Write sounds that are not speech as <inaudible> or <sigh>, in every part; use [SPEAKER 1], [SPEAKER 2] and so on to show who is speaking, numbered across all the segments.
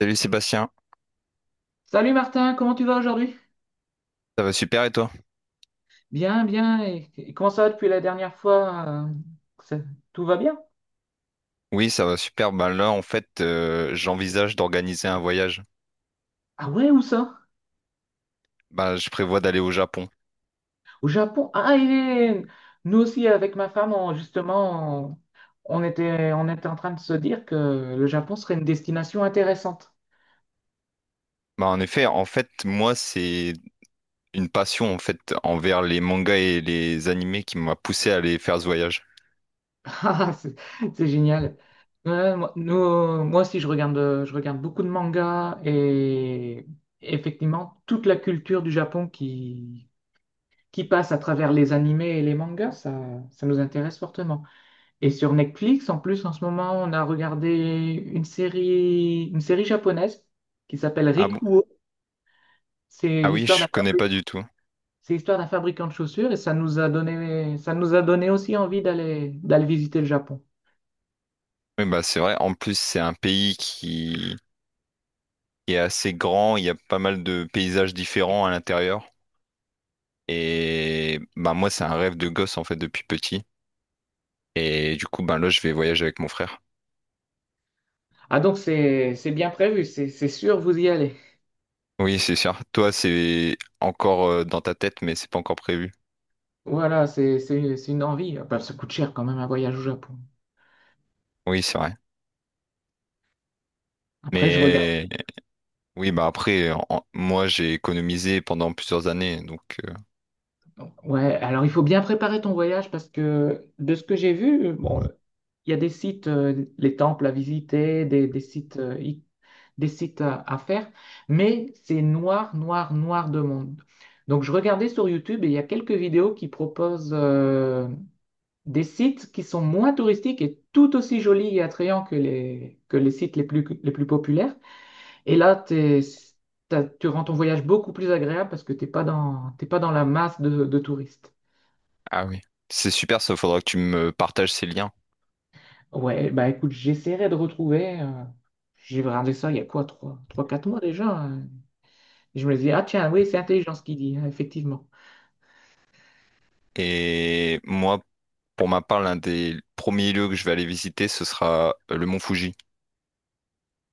[SPEAKER 1] Salut Sébastien,
[SPEAKER 2] Salut Martin, comment tu vas aujourd'hui?
[SPEAKER 1] ça va super et toi?
[SPEAKER 2] Bien, bien. Et comment ça va depuis la dernière fois? Ça- Tout va bien?
[SPEAKER 1] Oui, ça va super. Ben là, en fait, j'envisage d'organiser un voyage.
[SPEAKER 2] Ah ouais, où ça?
[SPEAKER 1] Ben, je prévois d'aller au Japon.
[SPEAKER 2] Au Japon. Ah, et nous aussi avec ma femme, justement, on était en train de se dire que le Japon serait une destination intéressante.
[SPEAKER 1] Ben, en effet, en fait, moi, c'est une passion en fait envers les mangas et les animés qui m'a poussé à aller faire ce voyage.
[SPEAKER 2] <laughs> Ah, c'est génial. Ouais, moi, moi aussi, je regarde beaucoup de mangas et effectivement toute la culture du Japon qui passe à travers les animés et les mangas, ça nous intéresse fortement. Et sur Netflix, en plus, en ce moment, on a regardé une série japonaise qui s'appelle
[SPEAKER 1] Ah bon?
[SPEAKER 2] Rikuo. C'est
[SPEAKER 1] Ah oui,
[SPEAKER 2] l'histoire
[SPEAKER 1] je
[SPEAKER 2] d'un
[SPEAKER 1] connais
[SPEAKER 2] fabri-
[SPEAKER 1] pas du tout.
[SPEAKER 2] c'est l'histoire d'un fabricant de chaussures et ça nous a donné aussi envie d'aller visiter le Japon.
[SPEAKER 1] Oui, bah c'est vrai. En plus, c'est un pays qui est assez grand. Il y a pas mal de paysages différents à l'intérieur. Et ben moi, c'est un rêve de gosse en fait depuis petit. Et du coup, ben là, je vais voyager avec mon frère.
[SPEAKER 2] Ah donc c'est bien prévu, c'est sûr, vous y allez.
[SPEAKER 1] Oui, c'est sûr. Toi, c'est encore dans ta tête, mais c'est pas encore prévu.
[SPEAKER 2] Voilà, c'est une envie. Ah, bah, ça coûte cher quand même un voyage au Japon.
[SPEAKER 1] Oui, c'est vrai.
[SPEAKER 2] Après, je regarde.
[SPEAKER 1] Mais oui, bah après, moi, j'ai économisé pendant plusieurs années, donc euh,
[SPEAKER 2] Ouais, alors il faut bien préparer ton voyage parce que de ce que j'ai vu, bon, il y a des sites, les temples à visiter, des sites, des sites à faire, mais c'est noir, noir, noir de monde. Donc je regardais sur YouTube et il y a quelques vidéos qui proposent des sites qui sont moins touristiques et tout aussi jolis et attrayants que les sites les plus populaires. Et là, tu rends ton voyage beaucoup plus agréable parce que t'es pas dans la masse de touristes.
[SPEAKER 1] ah oui, c'est super. Ça, faudra que tu me partages ces liens.
[SPEAKER 2] Ouais, bah écoute, j'essaierai de retrouver. J'ai regardé ça il y a quoi, trois 4 mois déjà, hein. Et je me dis, ah tiens, oui, c'est intelligent ce qu'il dit, hein, effectivement.
[SPEAKER 1] Et moi, pour ma part, l'un des premiers lieux que je vais aller visiter, ce sera le mont Fuji.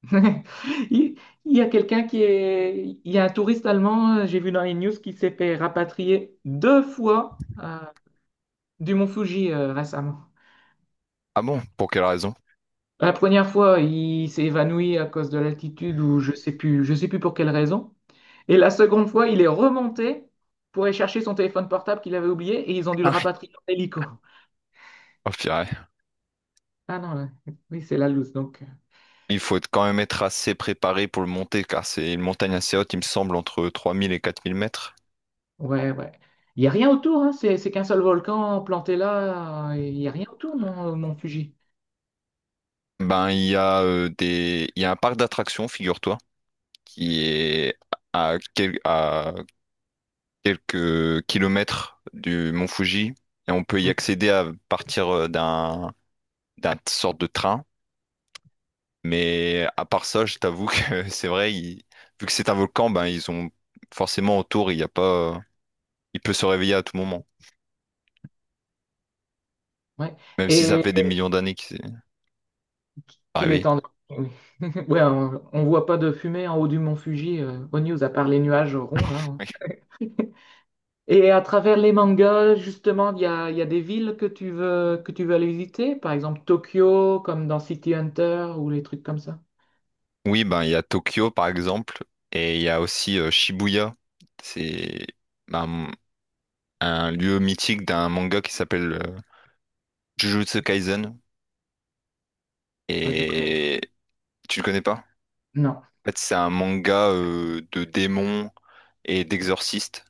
[SPEAKER 2] <laughs> Il, il y a quelqu'un qui est. Il y a un touriste allemand, j'ai vu dans les news, qui s'est fait rapatrier deux fois du mont Fuji récemment.
[SPEAKER 1] Ah bon? Pour quelle raison?
[SPEAKER 2] La première fois, il s'est évanoui à cause de l'altitude ou je sais plus pour quelle raison. Et la seconde fois, il est remonté pour aller chercher son téléphone portable qu'il avait oublié et ils ont dû le
[SPEAKER 1] Ah oui.
[SPEAKER 2] rapatrier en hélico.
[SPEAKER 1] Oh purée.
[SPEAKER 2] Ah non, là, oui, c'est la loose, donc.
[SPEAKER 1] Il quand même être assez préparé pour le monter, car c'est une montagne assez haute, il me semble, entre 3 000 et 4 000 mètres.
[SPEAKER 2] Ouais, ouais. Il n'y a rien autour, hein, c'est qu'un seul volcan planté là, il n'y a rien autour, non, mon Fuji.
[SPEAKER 1] Ben, il y a il y a un parc d'attractions, figure-toi, qui est à quelques kilomètres du Mont Fuji et on peut y
[SPEAKER 2] Mm.
[SPEAKER 1] accéder à partir d'un sorte de train. Mais à part ça, je t'avoue que <laughs> c'est vrai, vu que c'est un volcan, ben ils ont forcément autour, il y a pas, il peut se réveiller à tout moment,
[SPEAKER 2] Ouais.
[SPEAKER 1] même si ça fait des
[SPEAKER 2] Et
[SPEAKER 1] millions d'années qu'il s'est pas
[SPEAKER 2] qu'il est
[SPEAKER 1] réveillé.
[SPEAKER 2] en... oui. <laughs> Ouais, on ne voit pas de fumée en haut du mont Fuji, aux news, à part les nuages ronds, là,
[SPEAKER 1] <laughs>
[SPEAKER 2] hein.
[SPEAKER 1] Oui,
[SPEAKER 2] Et à travers les mangas, justement, il y a des villes que tu veux aller visiter, par exemple Tokyo, comme dans City Hunter, ou les trucs comme ça.
[SPEAKER 1] oui, ben il y a Tokyo par exemple et il y a aussi Shibuya. C'est ben, un lieu mythique d'un manga qui s'appelle Jujutsu Kaisen.
[SPEAKER 2] Ah, je connais.
[SPEAKER 1] Et tu le connais pas?
[SPEAKER 2] Non.
[SPEAKER 1] En fait, c'est un manga de démons et d'exorcistes.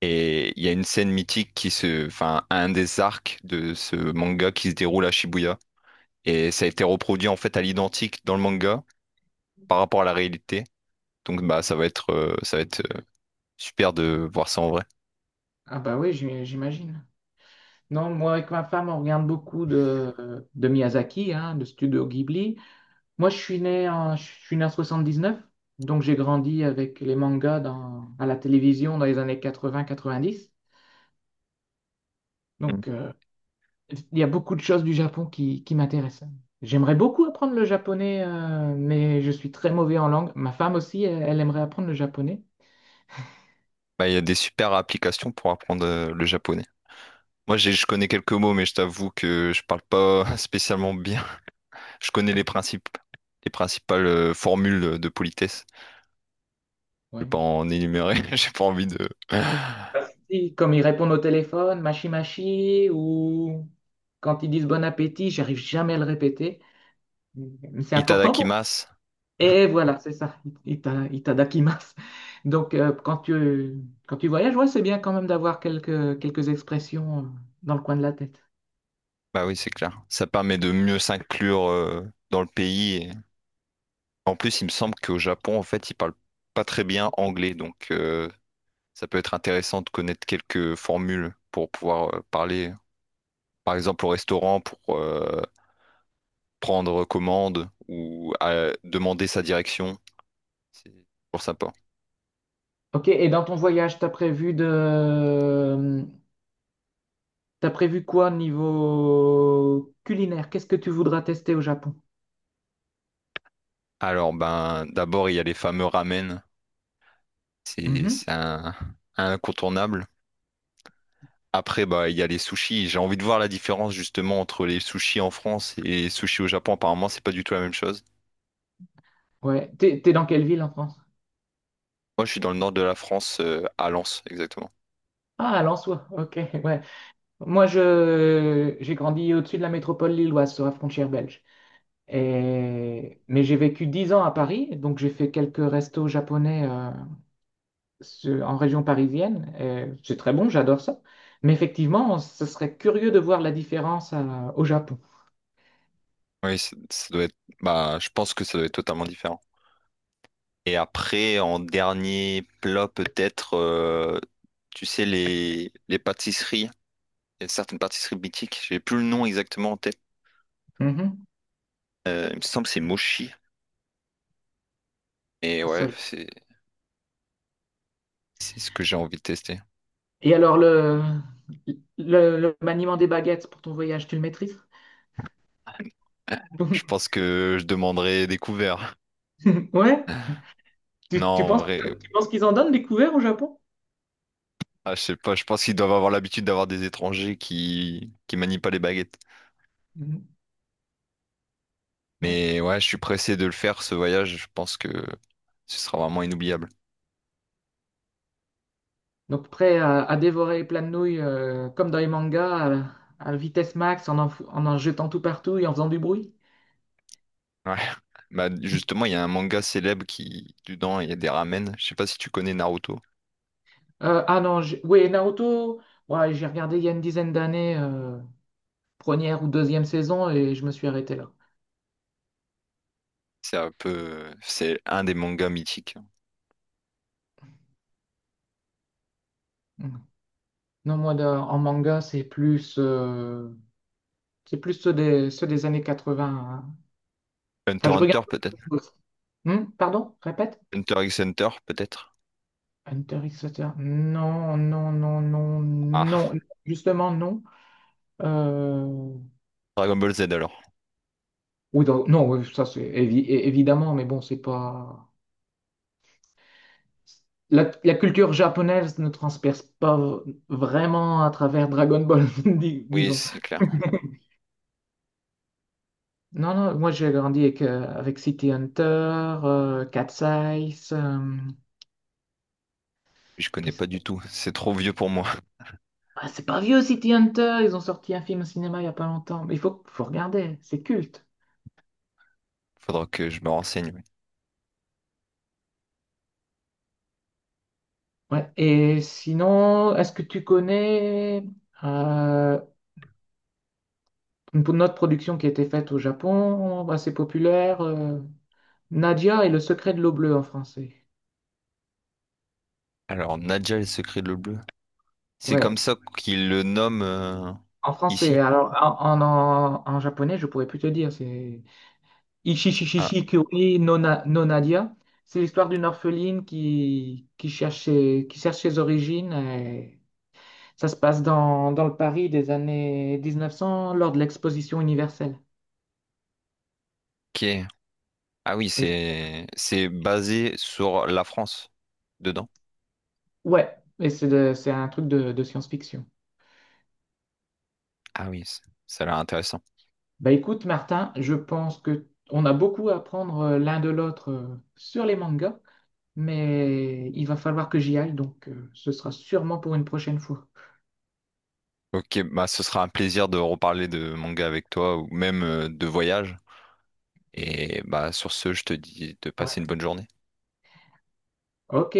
[SPEAKER 1] Et il y a une scène mythique qui se, enfin, un des arcs de ce manga qui se déroule à Shibuya. Et ça a été reproduit en fait à l'identique dans le manga par rapport à la réalité. Donc bah ça va être super de voir ça en vrai.
[SPEAKER 2] Ah bah oui, j'imagine. Non, moi avec ma femme, on regarde beaucoup de Miyazaki, hein, de Studio Ghibli. Moi, je suis né en 79, donc j'ai grandi avec les mangas à la télévision dans les années 80-90.
[SPEAKER 1] Mm.
[SPEAKER 2] Donc, il y a beaucoup de choses du Japon qui m'intéressent. J'aimerais beaucoup apprendre le japonais, mais je suis très mauvais en langue. Ma femme aussi, elle aimerait apprendre le japonais.
[SPEAKER 1] Bah, il y a des super applications pour apprendre le japonais. Moi, je connais quelques mots, mais je t'avoue que je parle pas <laughs> spécialement bien. Je connais les principes, les principales formules de politesse. Je
[SPEAKER 2] Ouais.
[SPEAKER 1] vais pas en énumérer. <laughs> J'ai pas envie de. <gasps>
[SPEAKER 2] Et comme ils répondent au téléphone, mashi mashi, ou quand ils disent bon appétit, j'arrive jamais à le répéter. C'est important pour vous.
[SPEAKER 1] Itadakimasu.
[SPEAKER 2] Et voilà, c'est ça, itadakimasu. Donc, quand tu voyages, ouais, c'est bien quand même d'avoir quelques expressions dans le coin de la tête.
[SPEAKER 1] Bah oui, c'est clair. Ça permet de mieux s'inclure dans le pays. Et en plus, il me semble qu'au Japon, en fait, ils parlent pas très bien anglais, donc ça peut être intéressant de connaître quelques formules pour pouvoir parler, par exemple, au restaurant pour prendre commande ou demander sa direction. C'est pour ça pas.
[SPEAKER 2] Ok, et dans ton voyage, t'as prévu quoi niveau culinaire? Qu'est-ce que tu voudras tester au Japon?
[SPEAKER 1] Alors, ben, d'abord, il y a les fameux ramen. C'est
[SPEAKER 2] Mhm.
[SPEAKER 1] c'est un, incontournable. Après, bah, il y a les sushis. J'ai envie de voir la différence justement entre les sushis en France et les sushis au Japon. Apparemment, c'est pas du tout la même chose.
[SPEAKER 2] Ouais, t'es dans quelle ville en France?
[SPEAKER 1] Moi, je suis dans le nord de la France, à Lens, exactement.
[SPEAKER 2] Ah, à Lensois, ok, ouais. Moi, j'ai grandi au-dessus de la métropole lilloise, sur la frontière belge. Mais j'ai vécu 10 ans à Paris, donc j'ai fait quelques restos japonais en région parisienne. Et c'est très bon, j'adore ça. Mais effectivement, ce serait curieux de voir la différence au Japon.
[SPEAKER 1] Oui, ça doit être. Bah, je pense que ça doit être totalement différent. Et après, en dernier plat, peut-être, tu sais, les pâtisseries. Il y a certaines pâtisseries mythiques. J'ai plus le nom exactement en tête.
[SPEAKER 2] Mhm.
[SPEAKER 1] Il me semble que c'est Mochi. Et
[SPEAKER 2] Ça-
[SPEAKER 1] ouais, c'est ce que j'ai envie de tester.
[SPEAKER 2] Et alors, le maniement des baguettes pour ton voyage, tu le maîtrises?
[SPEAKER 1] Je pense
[SPEAKER 2] <laughs>
[SPEAKER 1] que je demanderai des couverts. <laughs>
[SPEAKER 2] Ouais,
[SPEAKER 1] Non, en vrai,
[SPEAKER 2] tu penses qu'ils en donnent des couverts au Japon?
[SPEAKER 1] ah, je sais pas, je pense qu'ils doivent avoir l'habitude d'avoir des étrangers qui manient pas les baguettes.
[SPEAKER 2] Mhm. Ouais.
[SPEAKER 1] Mais ouais, je suis pressé de le faire, ce voyage, je pense que ce sera vraiment inoubliable.
[SPEAKER 2] Donc prêt à dévorer plein de nouilles comme dans les mangas, à vitesse max, en en jetant tout partout et en faisant du bruit.
[SPEAKER 1] Ouais. <laughs> Bah, justement, il y a un manga célèbre qui, dedans, il y a des ramen. Je sais pas si tu connais Naruto.
[SPEAKER 2] Ah non, j'ai- Oui, Naruto, ouais, j'ai regardé il y a une dizaine d'années, première ou deuxième saison, et je me suis arrêté là.
[SPEAKER 1] C'est un des mangas mythiques.
[SPEAKER 2] Mm. Non, moi, de- en manga, c'est plus ceux des années 80, hein.
[SPEAKER 1] Hunter
[SPEAKER 2] Enfin,
[SPEAKER 1] x
[SPEAKER 2] je regarde.
[SPEAKER 1] Hunter, peut-être.
[SPEAKER 2] Pardon, répète.
[SPEAKER 1] Hunter x Hunter, peut-être.
[SPEAKER 2] Hunter x Hunter. Non.
[SPEAKER 1] Ah,
[SPEAKER 2] Justement, non.
[SPEAKER 1] <laughs> Dragon Ball Z alors.
[SPEAKER 2] Oui, ça c'est évidemment, mais bon, c'est pas. La culture japonaise ne transperce pas vraiment à travers Dragon Ball, <laughs>
[SPEAKER 1] Oui,
[SPEAKER 2] disons.
[SPEAKER 1] c'est clair.
[SPEAKER 2] Non, non, moi j'ai grandi avec, avec City Hunter, Cat's Eyes.
[SPEAKER 1] Je connais
[SPEAKER 2] Qu'est-ce-
[SPEAKER 1] pas du tout. C'est trop vieux pour moi.
[SPEAKER 2] Ah, c'est pas vieux City Hunter, ils ont sorti un film au cinéma il y a pas longtemps. Mais faut regarder, c'est culte.
[SPEAKER 1] <laughs> Faudra que je me renseigne. Oui.
[SPEAKER 2] Ouais. Et sinon, est-ce que tu connais euh, une autre production qui a été faite au Japon, assez populaire. Nadia et le secret de l'eau bleue en français.
[SPEAKER 1] Alors, Nadja et le secret de l'eau bleue. C'est comme
[SPEAKER 2] Ouais,
[SPEAKER 1] ça qu'ils le nomment
[SPEAKER 2] en français.
[SPEAKER 1] ici.
[SPEAKER 2] Alors, en japonais, je pourrais plus te dire. C'est
[SPEAKER 1] Ah,
[SPEAKER 2] Ichi Kyori no, no Nadia. C'est l'histoire d'une orpheline qui cherche qui cherche ses origines. Et ça se passe dans le Paris des années 1900 lors de l'exposition universelle.
[SPEAKER 1] ok. Ah oui,
[SPEAKER 2] Et,
[SPEAKER 1] c'est basé sur la France dedans.
[SPEAKER 2] ouais, et c'est c'est un truc de science-fiction.
[SPEAKER 1] Ah oui, c- ça a l'air intéressant.
[SPEAKER 2] Bah écoute, Martin, je pense que on a beaucoup à apprendre l'un de l'autre sur les mangas, mais il va falloir que j'y aille, donc ce sera sûrement pour une prochaine fois.
[SPEAKER 1] Ok, bah ce sera un plaisir de reparler de manga avec toi ou même de voyage. Et bah sur ce, je te dis de
[SPEAKER 2] Ouais.
[SPEAKER 1] passer une bonne journée.
[SPEAKER 2] Ok,